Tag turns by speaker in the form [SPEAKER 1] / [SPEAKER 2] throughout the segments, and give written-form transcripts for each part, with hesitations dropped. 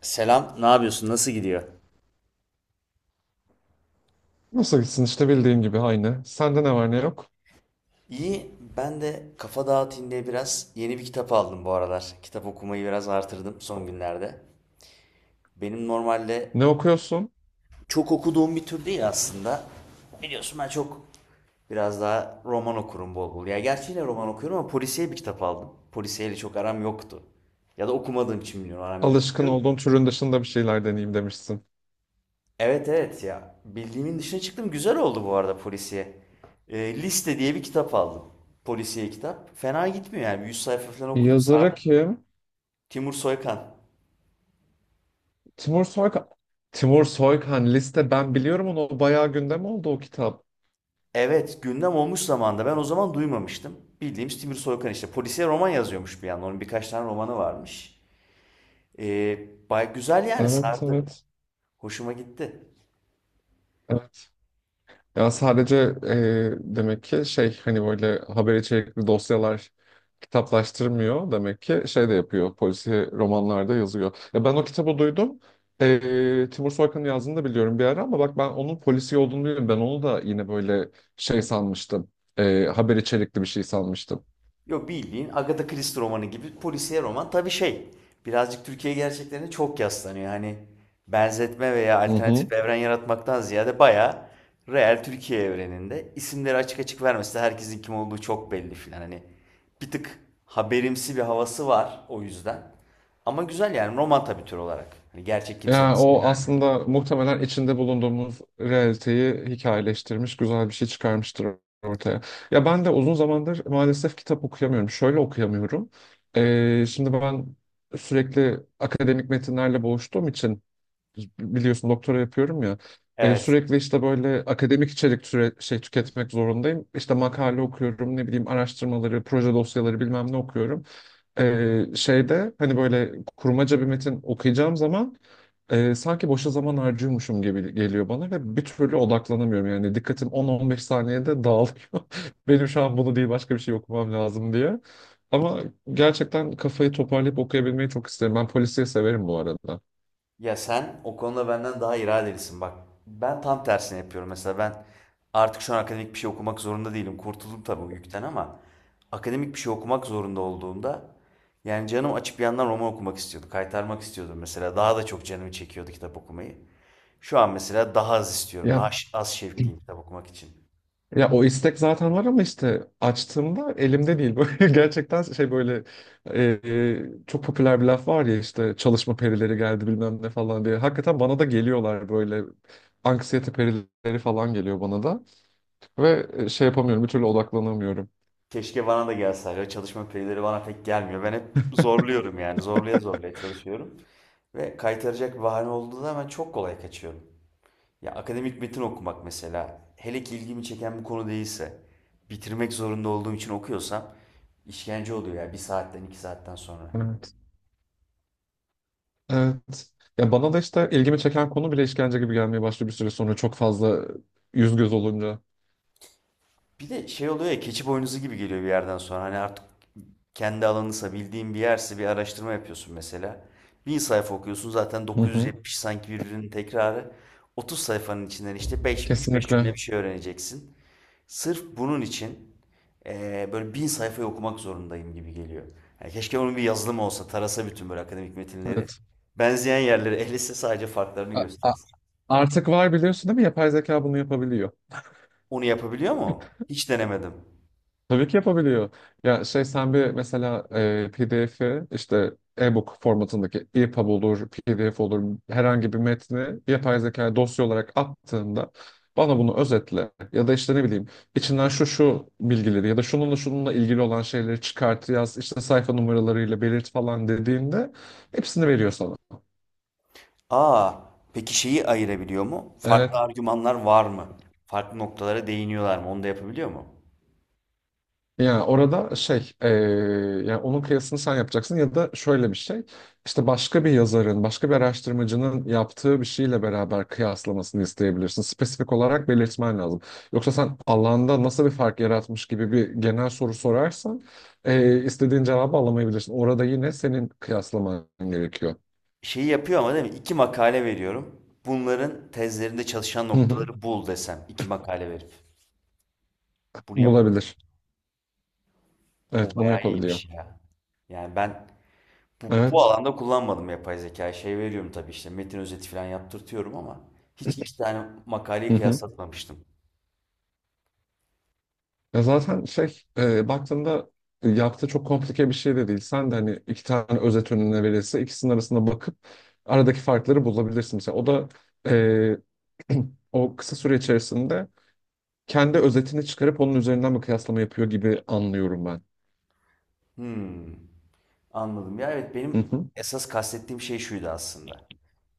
[SPEAKER 1] Selam, ne yapıyorsun? Nasıl gidiyor?
[SPEAKER 2] Nasıl gitsin işte bildiğin gibi aynı. Sende ne var ne yok?
[SPEAKER 1] İyi, ben de kafa dağıtayım diye biraz yeni bir kitap aldım bu aralar. Kitap okumayı biraz artırdım son günlerde. Benim normalde
[SPEAKER 2] Ne okuyorsun?
[SPEAKER 1] çok okuduğum bir tür değil aslında. Biliyorsun ben çok biraz daha roman okurum bol bol. Ya gerçi yine roman okuyorum ama polisiye bir kitap aldım. Polisiyeyle çok aram yoktu. Ya da okumadığım için bilmiyorum aram yoktu.
[SPEAKER 2] Alışkın olduğun türün dışında bir şeyler deneyeyim demişsin.
[SPEAKER 1] Evet evet ya. Bildiğimin dışına çıktım. Güzel oldu bu arada polisiye. Liste diye bir kitap aldım. Polisiye kitap. Fena gitmiyor yani. 100 sayfa falan okudum.
[SPEAKER 2] Yazarı
[SPEAKER 1] Sardı.
[SPEAKER 2] kim?
[SPEAKER 1] Timur Soykan.
[SPEAKER 2] Timur Soykan. Timur Soykan liste, ben biliyorum onu. O bayağı gündem oldu o kitap.
[SPEAKER 1] Evet gündem olmuş zamanda ben o zaman duymamıştım. Bildiğimiz Timur Soykan işte. Polisiye roman yazıyormuş bir yandan. Onun birkaç tane romanı varmış. Bay güzel yani
[SPEAKER 2] Evet
[SPEAKER 1] sardı.
[SPEAKER 2] evet.
[SPEAKER 1] Hoşuma gitti.
[SPEAKER 2] Ya sadece demek ki şey hani böyle haber içerikli dosyalar kitaplaştırmıyor, demek ki şey de yapıyor, polisiye romanlarda yazıyor. Ya ben o kitabı duydum. Timur Soykan'ın yazdığını da biliyorum bir ara, ama bak, ben onun polisiye olduğunu biliyorum. Ben onu da yine böyle şey sanmıştım. Haber içerikli bir şey sanmıştım.
[SPEAKER 1] Yok bildiğin Agatha Christie romanı gibi polisiye roman. Tabii şey birazcık Türkiye gerçeklerine çok yaslanıyor. Hani benzetme veya
[SPEAKER 2] Hı
[SPEAKER 1] alternatif
[SPEAKER 2] hı.
[SPEAKER 1] bir evren yaratmaktan ziyade bayağı real Türkiye evreninde isimleri açık açık vermesi de herkesin kim olduğu çok belli filan. Hani bir tık haberimsi bir havası var o yüzden. Ama güzel yani roman tabii tür olarak. Hani gerçek kimsenin
[SPEAKER 2] Ya
[SPEAKER 1] ismi.
[SPEAKER 2] o aslında muhtemelen içinde bulunduğumuz realiteyi hikayeleştirmiş, güzel bir şey çıkarmıştır ortaya. Ya ben de uzun zamandır maalesef kitap okuyamıyorum. Şöyle okuyamıyorum. Şimdi ben sürekli akademik metinlerle boğuştuğum için biliyorsun, doktora yapıyorum ya.
[SPEAKER 1] Evet.
[SPEAKER 2] Sürekli işte böyle akademik içerik şey tüketmek zorundayım. İşte makale okuyorum, ne bileyim, araştırmaları, proje dosyaları, bilmem ne okuyorum. Şeyde hani böyle kurmaca bir metin okuyacağım zaman sanki boşa zaman harcıyormuşum gibi geliyor bana ve bir türlü odaklanamıyorum. Yani dikkatim on on beş saniyede dağılıyor. Benim şu an bunu değil, başka bir şey okumam lazım diye. Ama gerçekten kafayı toparlayıp okuyabilmeyi çok isterim. Ben polisiye severim bu arada.
[SPEAKER 1] Ya sen o konuda benden daha iradelisin bak. Ben tam tersini yapıyorum mesela, ben artık şu an akademik bir şey okumak zorunda değilim. Kurtuldum tabii o yükten ama akademik bir şey okumak zorunda olduğumda yani canım açıp bir yandan roman okumak istiyordu. Kaytarmak istiyordum mesela. Daha da çok canımı çekiyordu kitap okumayı. Şu an mesela daha az istiyorum. Daha
[SPEAKER 2] Ya
[SPEAKER 1] az şevkliyim kitap okumak için.
[SPEAKER 2] Ya o istek zaten var, ama işte açtığımda elimde değil. Böyle gerçekten şey, böyle çok popüler bir laf var ya, işte çalışma perileri geldi, bilmem ne falan diye. Hakikaten bana da geliyorlar, böyle anksiyete perileri falan geliyor bana da ve şey yapamıyorum, bir türlü odaklanamıyorum.
[SPEAKER 1] Keşke bana da gelse. Hala çalışma perileri bana pek gelmiyor. Ben hep zorluyorum yani. Zorlaya zorlaya çalışıyorum. Ve kaytaracak bir bahane olduğu zaman çok kolay kaçıyorum. Ya akademik metin okumak mesela, hele ki ilgimi çeken bir konu değilse, bitirmek zorunda olduğum için okuyorsam işkence oluyor ya bir saatten iki saatten sonra.
[SPEAKER 2] Evet. Evet. Ya bana da işte ilgimi çeken konu bile işkence gibi gelmeye başlıyor bir süre sonra, çok fazla yüz göz olunca.
[SPEAKER 1] Bir de şey oluyor ya, keçi boynuzu gibi geliyor bir yerden sonra. Hani artık kendi alanınsa, bildiğin bir yerse, bir araştırma yapıyorsun mesela. Bin sayfa okuyorsun zaten,
[SPEAKER 2] Hı hı.
[SPEAKER 1] 970 sanki birbirinin tekrarı. 30 sayfanın içinden işte 5, 3-5
[SPEAKER 2] Kesinlikle.
[SPEAKER 1] cümle bir şey öğreneceksin. Sırf bunun için böyle bin sayfayı okumak zorundayım gibi geliyor. Yani keşke onun bir yazılımı olsa, tarasa bütün böyle akademik metinleri.
[SPEAKER 2] Evet.
[SPEAKER 1] Benzeyen yerleri ehliyse sadece farklarını
[SPEAKER 2] A- a-
[SPEAKER 1] göstersin.
[SPEAKER 2] Artık var, biliyorsun değil mi? Yapay zeka bunu yapabiliyor.
[SPEAKER 1] Onu yapabiliyor mu? Hiç denemedim.
[SPEAKER 2] Tabii ki yapabiliyor. Ya şey, sen bir mesela PDF'i işte, e-book formatındaki, EPUB olur, PDF olur, herhangi bir metni yapay zeka dosya olarak attığında, bana bunu özetle ya da işte ne bileyim, içinden şu şu bilgileri ya da şununla şununla ilgili olan şeyleri çıkart, yaz işte sayfa numaralarıyla belirt falan dediğinde, hepsini veriyor sana.
[SPEAKER 1] Aa, peki şeyi ayırabiliyor mu? Farklı
[SPEAKER 2] Evet.
[SPEAKER 1] argümanlar var mı? Farklı noktalara değiniyorlar mı? Onu da yapabiliyor mu?
[SPEAKER 2] Yani orada şey, yani onun kıyasını sen yapacaksın ya da şöyle bir şey, işte başka bir yazarın, başka bir araştırmacının yaptığı bir şeyle beraber kıyaslamasını isteyebilirsin. Spesifik olarak belirtmen lazım. Yoksa sen alanda nasıl bir fark yaratmış gibi bir genel soru sorarsan, istediğin cevabı alamayabilirsin. Orada yine senin kıyaslaman gerekiyor.
[SPEAKER 1] Şeyi yapıyor ama değil mi? İki makale veriyorum. Bunların tezlerinde çalışan
[SPEAKER 2] Hı hı.
[SPEAKER 1] noktaları bul desem. İki makale verip. Bunu yap.
[SPEAKER 2] Bulabilir. Evet,
[SPEAKER 1] O
[SPEAKER 2] bunu
[SPEAKER 1] bayağı
[SPEAKER 2] yapabiliyor.
[SPEAKER 1] iyiymiş ya. Yani ben bu
[SPEAKER 2] Evet.
[SPEAKER 1] alanda kullanmadım yapay zekayı. Şey veriyorum tabii, işte metin özeti falan yaptırtıyorum ama hiç iki tane makaleyi
[SPEAKER 2] Hı hı.
[SPEAKER 1] kıyaslatmamıştım.
[SPEAKER 2] Ya zaten şey, baktığında yaptığı çok komplike bir şey de değil. Sen de hani iki tane özet önüne verirse, ikisinin arasında bakıp aradaki farkları bulabilirsin. Mesela o da e, o kısa süre içerisinde kendi özetini çıkarıp onun üzerinden bir kıyaslama yapıyor gibi anlıyorum ben.
[SPEAKER 1] Hmm. Anladım. Ya evet,
[SPEAKER 2] Hı
[SPEAKER 1] benim
[SPEAKER 2] hı,
[SPEAKER 1] esas kastettiğim şey şuydu aslında.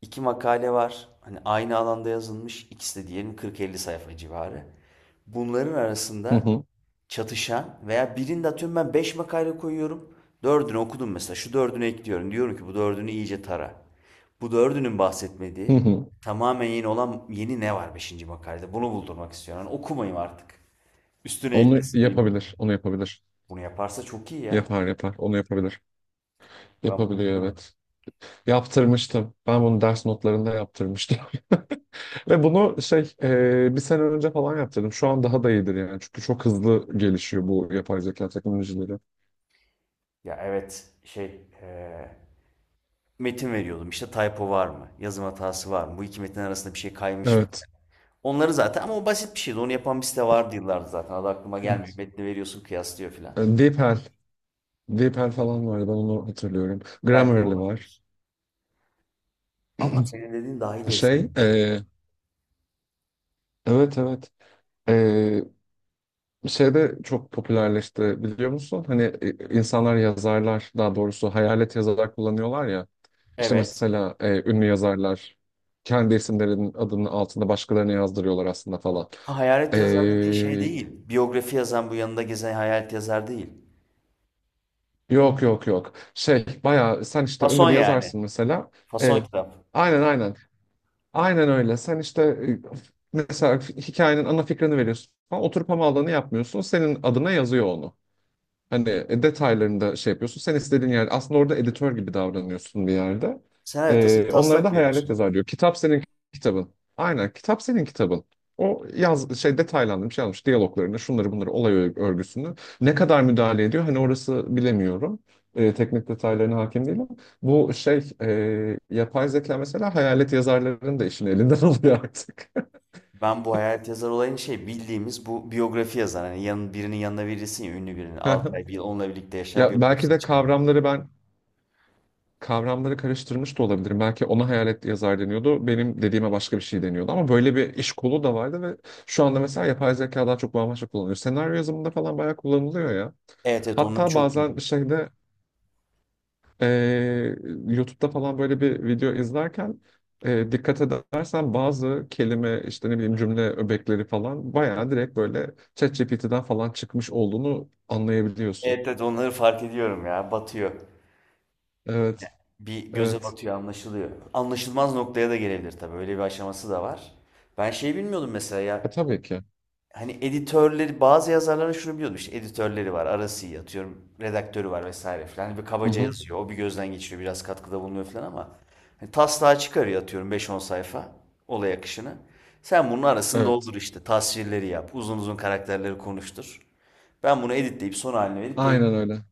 [SPEAKER 1] İki makale var. Hani aynı alanda yazılmış. İkisi de diyelim 40-50 sayfa civarı. Bunların
[SPEAKER 2] hı
[SPEAKER 1] arasında
[SPEAKER 2] hı,
[SPEAKER 1] çatışan veya birinde atıyorum ben 5 makale koyuyorum. Dördünü okudum mesela. Şu dördünü ekliyorum. Diyorum ki bu dördünü iyice tara. Bu dördünün
[SPEAKER 2] hı
[SPEAKER 1] bahsetmediği,
[SPEAKER 2] hı.
[SPEAKER 1] tamamen yeni olan, yeni ne var beşinci makalede? Bunu buldurmak istiyorum. Yani okumayayım artık. Üstüne
[SPEAKER 2] Onu
[SPEAKER 1] eklesin benim bildiğim.
[SPEAKER 2] yapabilir, onu yapabilir.
[SPEAKER 1] Bunu yaparsa çok iyi ya.
[SPEAKER 2] Yapar yapar, onu yapabilir.
[SPEAKER 1] Ben bunu
[SPEAKER 2] Yapabiliyor,
[SPEAKER 1] bilmiyorum.
[SPEAKER 2] evet. Yaptırmıştım. Ben bunu ders notlarında yaptırmıştım. Ve bunu şey, bir sene önce falan yaptırdım. Şu an daha da iyidir yani. Çünkü çok hızlı gelişiyor bu yapay zeka teknolojileri.
[SPEAKER 1] Ya evet, şey, eee, metin veriyordum, İşte typo var mı? Yazım hatası var mı? Bu iki metin arasında bir şey kaymış mı?
[SPEAKER 2] Evet.
[SPEAKER 1] Onları zaten, ama o basit bir şeydi. Onu yapan bir site vardı yıllardır zaten. Adı aklıma
[SPEAKER 2] E,
[SPEAKER 1] gelmiyor. Metni veriyorsun, kıyaslıyor filan.
[SPEAKER 2] DeepL. DeepL falan vardı. Ben onu hatırlıyorum.
[SPEAKER 1] Belki
[SPEAKER 2] Grammarly var.
[SPEAKER 1] olabilir. Ama senin dediğin daha ileri
[SPEAKER 2] Şey,
[SPEAKER 1] seviye bir şey.
[SPEAKER 2] evet evet. E, şeyde çok popülerleşti, biliyor musun? Hani insanlar, yazarlar, daha doğrusu hayalet yazarlar kullanıyorlar ya. İşte
[SPEAKER 1] Evet.
[SPEAKER 2] mesela ünlü yazarlar kendi isimlerinin adının altında başkalarını yazdırıyorlar aslında falan.
[SPEAKER 1] Ha, hayalet yazar dediğin şey
[SPEAKER 2] E,
[SPEAKER 1] değil. Biyografi yazan, bu yanında gezen hayalet yazar değil.
[SPEAKER 2] Yok yok yok. Şey, bayağı sen işte ünlü
[SPEAKER 1] Fason
[SPEAKER 2] bir
[SPEAKER 1] yani.
[SPEAKER 2] yazarsın mesela. Ee,
[SPEAKER 1] Fason kitap.
[SPEAKER 2] aynen aynen. Aynen öyle. Sen işte mesela hikayenin ana fikrini veriyorsun falan. Oturup hamalını yapmıyorsun. Senin adına yazıyor onu. Hani detaylarını da şey yapıyorsun. Sen istediğin yer, aslında orada editör gibi davranıyorsun bir yerde.
[SPEAKER 1] Sen evet, tasın
[SPEAKER 2] Onlara
[SPEAKER 1] taslak
[SPEAKER 2] da hayalet
[SPEAKER 1] veriyorsun.
[SPEAKER 2] yazar diyor. Kitap senin kitabın. Aynen, kitap senin kitabın. O yaz şey, detaylandırmış, şey almış, diyaloglarını, şunları bunları, olay örgüsünü, ne kadar müdahale ediyor hani, orası bilemiyorum. Teknik detaylarına hakim değilim. Bu şey, yapay zeka mesela hayalet yazarlarının da işini elinden alıyor artık.
[SPEAKER 1] Ben bu hayalet yazar olayını, şey, bildiğimiz bu biyografi yazar. Hani yanın, birinin yanına verirsin ya ünlü birinin. Altı ay bir yıl onunla birlikte yaşar,
[SPEAKER 2] Ya belki
[SPEAKER 1] biyografisini
[SPEAKER 2] de
[SPEAKER 1] çıkarır.
[SPEAKER 2] kavramları ben, kavramları karıştırmış da olabilirim. Belki ona hayalet yazar deniyordu, benim dediğime başka bir şey deniyordu. Ama böyle bir iş kolu da vardı ve şu anda mesela yapay zeka daha çok bambaşka kullanılıyor. Senaryo yazımında falan bayağı kullanılıyor ya.
[SPEAKER 1] Evet evet, onları
[SPEAKER 2] Hatta
[SPEAKER 1] çok
[SPEAKER 2] bazen
[SPEAKER 1] duydum.
[SPEAKER 2] şeyde, eee YouTube'da falan böyle bir video izlerken, dikkat edersen bazı kelime, işte ne bileyim, cümle öbekleri falan bayağı direkt böyle ChatGPT'den falan çıkmış olduğunu anlayabiliyorsun.
[SPEAKER 1] Evet evet, onları fark ediyorum ya, batıyor.
[SPEAKER 2] Evet,
[SPEAKER 1] Bir, göze
[SPEAKER 2] evet.
[SPEAKER 1] batıyor, anlaşılıyor. Anlaşılmaz noktaya da gelebilir tabii, öyle bir aşaması da var. Ben şey bilmiyordum mesela ya,
[SPEAKER 2] Tabii ki.
[SPEAKER 1] hani editörleri bazı yazarların şunu biliyordum, işte editörleri var, arası iyi, atıyorum redaktörü var vesaire filan. Hani bir
[SPEAKER 2] Hı
[SPEAKER 1] kabaca
[SPEAKER 2] hı.
[SPEAKER 1] yazıyor, o bir gözden geçiriyor, biraz katkıda bulunuyor filan ama hani taslağı çıkarıyor atıyorum beş on sayfa, olay akışını sen bunun arasını
[SPEAKER 2] Evet.
[SPEAKER 1] doldur, işte tasvirleri yap uzun uzun, karakterleri konuştur, ben bunu editleyip son haline verip
[SPEAKER 2] Aynen
[SPEAKER 1] yayınlayayım.
[SPEAKER 2] öyle.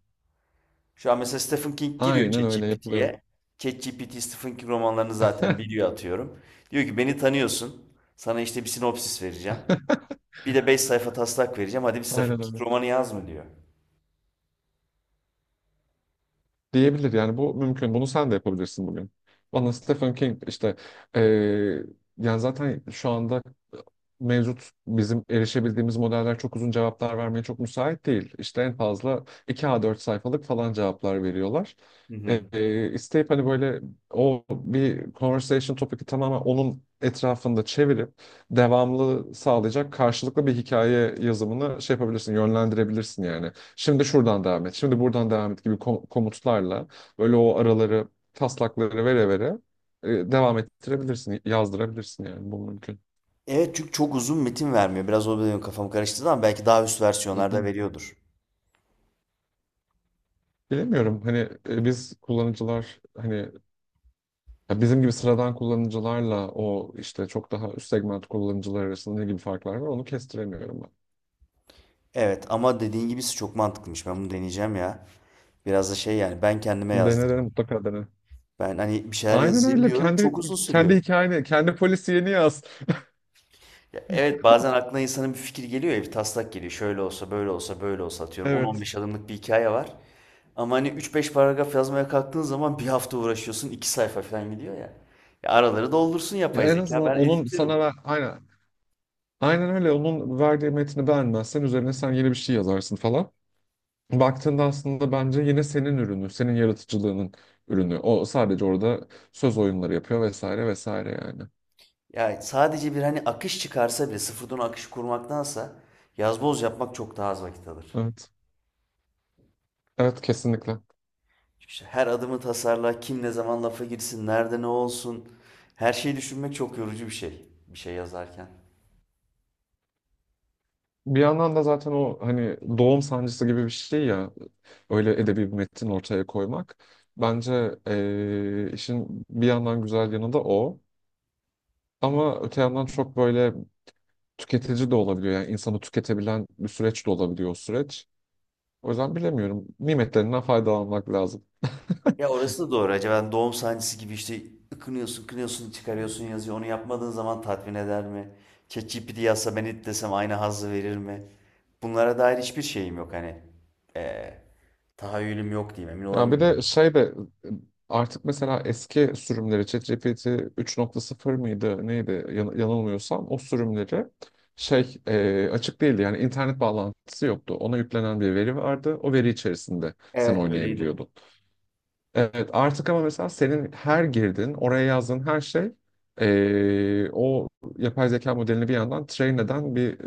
[SPEAKER 1] Şu an mesela Stephen King giriyor
[SPEAKER 2] Aynen öyle yapılıyor.
[SPEAKER 1] ChatGPT'ye, ChatGPT Stephen King romanlarını zaten biliyor atıyorum, diyor ki beni tanıyorsun, sana işte bir sinopsis vereceğim, bir de 5 sayfa taslak vereceğim. Hadi bir sayfa
[SPEAKER 2] Aynen
[SPEAKER 1] iki
[SPEAKER 2] öyle.
[SPEAKER 1] romanı yaz mı diyor.
[SPEAKER 2] Diyebilir yani, bu mümkün. Bunu sen de yapabilirsin bugün. Bana Stephen King işte, eee, yani zaten şu anda mevcut, bizim erişebildiğimiz modeller çok uzun cevaplar vermeye çok müsait değil. İşte en fazla 2 A4 sayfalık falan cevaplar veriyorlar.
[SPEAKER 1] Hı hı.
[SPEAKER 2] İsteyip hani böyle o bir conversation topic'i tamamen onun etrafında çevirip devamlı sağlayacak, karşılıklı bir hikaye yazımını şey yapabilirsin, yönlendirebilirsin yani. Şimdi şuradan devam et, şimdi buradan devam et gibi komutlarla böyle o araları, taslakları vere vere devam ettirebilirsin, yazdırabilirsin, yani bu mümkün.
[SPEAKER 1] Evet, çünkü çok uzun metin vermiyor. Biraz o benim kafam karıştırdı ama belki daha üst
[SPEAKER 2] Hı
[SPEAKER 1] versiyonlarda
[SPEAKER 2] hı.
[SPEAKER 1] veriyordur.
[SPEAKER 2] Bilemiyorum hani biz kullanıcılar, hani ya bizim gibi sıradan kullanıcılarla o işte çok daha üst segment kullanıcılar arasında ne gibi farklar var, onu kestiremiyorum
[SPEAKER 1] Evet, ama dediğin gibisi çok mantıklıymış. Ben bunu deneyeceğim ya. Biraz da şey, yani ben kendime
[SPEAKER 2] ben. Dene
[SPEAKER 1] yazdırayım.
[SPEAKER 2] dene, mutlaka dene.
[SPEAKER 1] Ben hani bir şeyler
[SPEAKER 2] Aynen
[SPEAKER 1] yazayım
[SPEAKER 2] öyle,
[SPEAKER 1] diyorum,
[SPEAKER 2] kendi
[SPEAKER 1] çok uzun
[SPEAKER 2] kendi
[SPEAKER 1] sürüyor.
[SPEAKER 2] hikayeni, kendi polisiyeni yaz.
[SPEAKER 1] Ya evet, bazen aklına insanın bir fikir geliyor ya, bir taslak geliyor. Şöyle olsa, böyle olsa, böyle olsa atıyorum. On on
[SPEAKER 2] Evet.
[SPEAKER 1] beş adımlık bir hikaye var. Ama hani üç beş paragraf yazmaya kalktığın zaman bir hafta uğraşıyorsun, 2 sayfa falan gidiyor ya. Ya araları doldursun
[SPEAKER 2] Ya
[SPEAKER 1] yapay
[SPEAKER 2] en
[SPEAKER 1] zeka,
[SPEAKER 2] azından
[SPEAKER 1] ben
[SPEAKER 2] onun sana
[SPEAKER 1] editlerim.
[SPEAKER 2] ver, aynen aynen öyle, onun verdiği metni beğenmezsen üzerine sen yeni bir şey yazarsın falan. Baktığında aslında bence yine senin ürünü, senin yaratıcılığının ürünü. O sadece orada söz oyunları yapıyor vesaire vesaire yani.
[SPEAKER 1] Ya sadece bir hani akış çıkarsa bile, sıfırdan akış kurmaktansa yazboz yapmak çok daha az vakit alır.
[SPEAKER 2] Evet. Evet kesinlikle.
[SPEAKER 1] Çünkü işte her adımı tasarla, kim ne zaman lafa girsin, nerede ne olsun. Her şeyi düşünmek çok yorucu bir şey. Bir şey yazarken.
[SPEAKER 2] Bir yandan da zaten o hani doğum sancısı gibi bir şey ya, öyle edebi bir metin ortaya koymak. Bence işin bir yandan güzel yanı da o. Ama öte yandan çok böyle tüketici de olabiliyor. Yani insanı tüketebilen bir süreç de olabiliyor o süreç. O yüzden bilemiyorum. Nimetlerinden faydalanmak lazım.
[SPEAKER 1] Ya orası da doğru. Acaba doğum sancısı gibi işte ıkınıyorsun, kınıyorsun, çıkarıyorsun, yazıyor. Onu yapmadığın zaman tatmin eder mi? ChatGPT yazsa, ben it desem aynı hazzı verir mi? Bunlara dair hiçbir şeyim yok hani. Ee, tahayyülüm yok diyeyim. Emin
[SPEAKER 2] Ya bir
[SPEAKER 1] olamıyorum.
[SPEAKER 2] de şey de, artık mesela eski sürümleri, ChatGPT 3.0 mıydı neydi, yanılmıyorsam o sürümleri şey, açık değildi, yani internet bağlantısı yoktu. Ona yüklenen bir veri vardı. O veri içerisinde sen
[SPEAKER 1] Evet öyleydi.
[SPEAKER 2] oynayabiliyordun. Evet, artık ama mesela senin her girdin, oraya yazdığın her şey, o yapay zeka modelini bir yandan train eden bir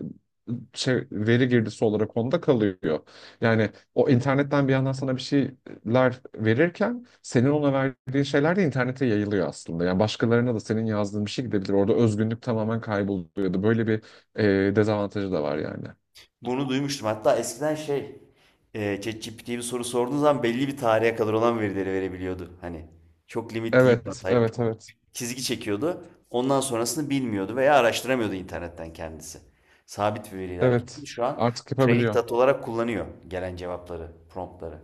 [SPEAKER 2] şey, veri girdisi olarak onda kalıyor. Yani o internetten bir yandan sana bir şeyler verirken, senin ona verdiğin şeyler de internete yayılıyor aslında. Yani başkalarına da senin yazdığın bir şey gidebilir. Orada özgünlük tamamen kayboluyor. Kayboluyordu. Böyle bir dezavantajı da var yani.
[SPEAKER 1] Bunu duymuştum. Hatta eskiden şey, ChatGPT'ye bir soru sorduğun zaman belli bir tarihe kadar olan verileri verebiliyordu. Hani çok limitliydi.
[SPEAKER 2] Evet,
[SPEAKER 1] Type
[SPEAKER 2] evet, evet.
[SPEAKER 1] çizgi çekiyordu. Ondan sonrasını bilmiyordu veya araştıramıyordu internetten kendisi. Sabit bir veriyle hareket ediyor.
[SPEAKER 2] Evet.
[SPEAKER 1] Şu an
[SPEAKER 2] Artık
[SPEAKER 1] training
[SPEAKER 2] yapabiliyor.
[SPEAKER 1] data olarak kullanıyor gelen cevapları, promptları.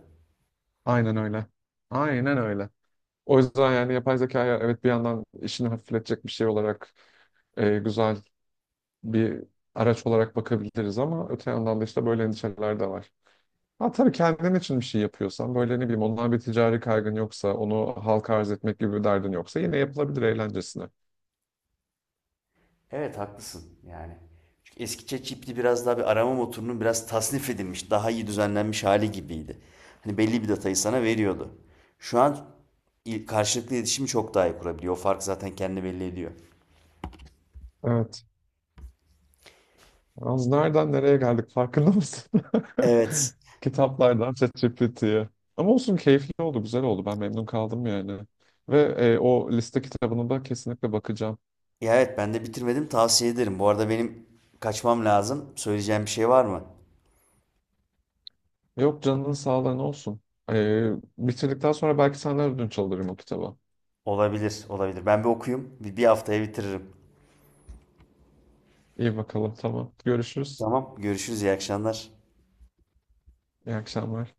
[SPEAKER 2] Aynen öyle. Aynen öyle. O yüzden yani yapay zekaya evet, bir yandan işini hafifletecek bir şey olarak, güzel bir araç olarak bakabiliriz, ama öte yandan da işte böyle endişeler de var. Ha tabii, kendin için bir şey yapıyorsan, böyle ne bileyim, ondan bir ticari kaygın yoksa, onu halka arz etmek gibi bir derdin yoksa, yine yapılabilir eğlencesine.
[SPEAKER 1] Evet haklısın yani. Çünkü eski ChatGPT biraz daha bir arama motorunun biraz tasnif edilmiş, daha iyi düzenlenmiş hali gibiydi. Hani belli bir datayı sana veriyordu. Şu an karşılıklı iletişimi çok daha iyi kurabiliyor. O fark zaten kendi belli ediyor.
[SPEAKER 2] Evet. Az nereden nereye geldik, farkında mısın?
[SPEAKER 1] Evet.
[SPEAKER 2] Kitaplardan ChatGPT'ye. Ama olsun, keyifli oldu, güzel oldu. Ben memnun kaldım yani. Ve o liste kitabına da kesinlikle bakacağım.
[SPEAKER 1] Ya evet, ben de bitirmedim. Tavsiye ederim. Bu arada benim kaçmam lazım. Söyleyeceğim bir şey var mı?
[SPEAKER 2] Yok, canının sağlığı, ne olsun. Ee, bitirdikten sonra belki senden ödünç alırım o kitabı.
[SPEAKER 1] Olabilir, olabilir. Ben bir okuyayım. Bir haftaya bitiririm.
[SPEAKER 2] İyi bakalım, tamam. Görüşürüz.
[SPEAKER 1] Tamam, görüşürüz. İyi akşamlar.
[SPEAKER 2] İyi akşamlar.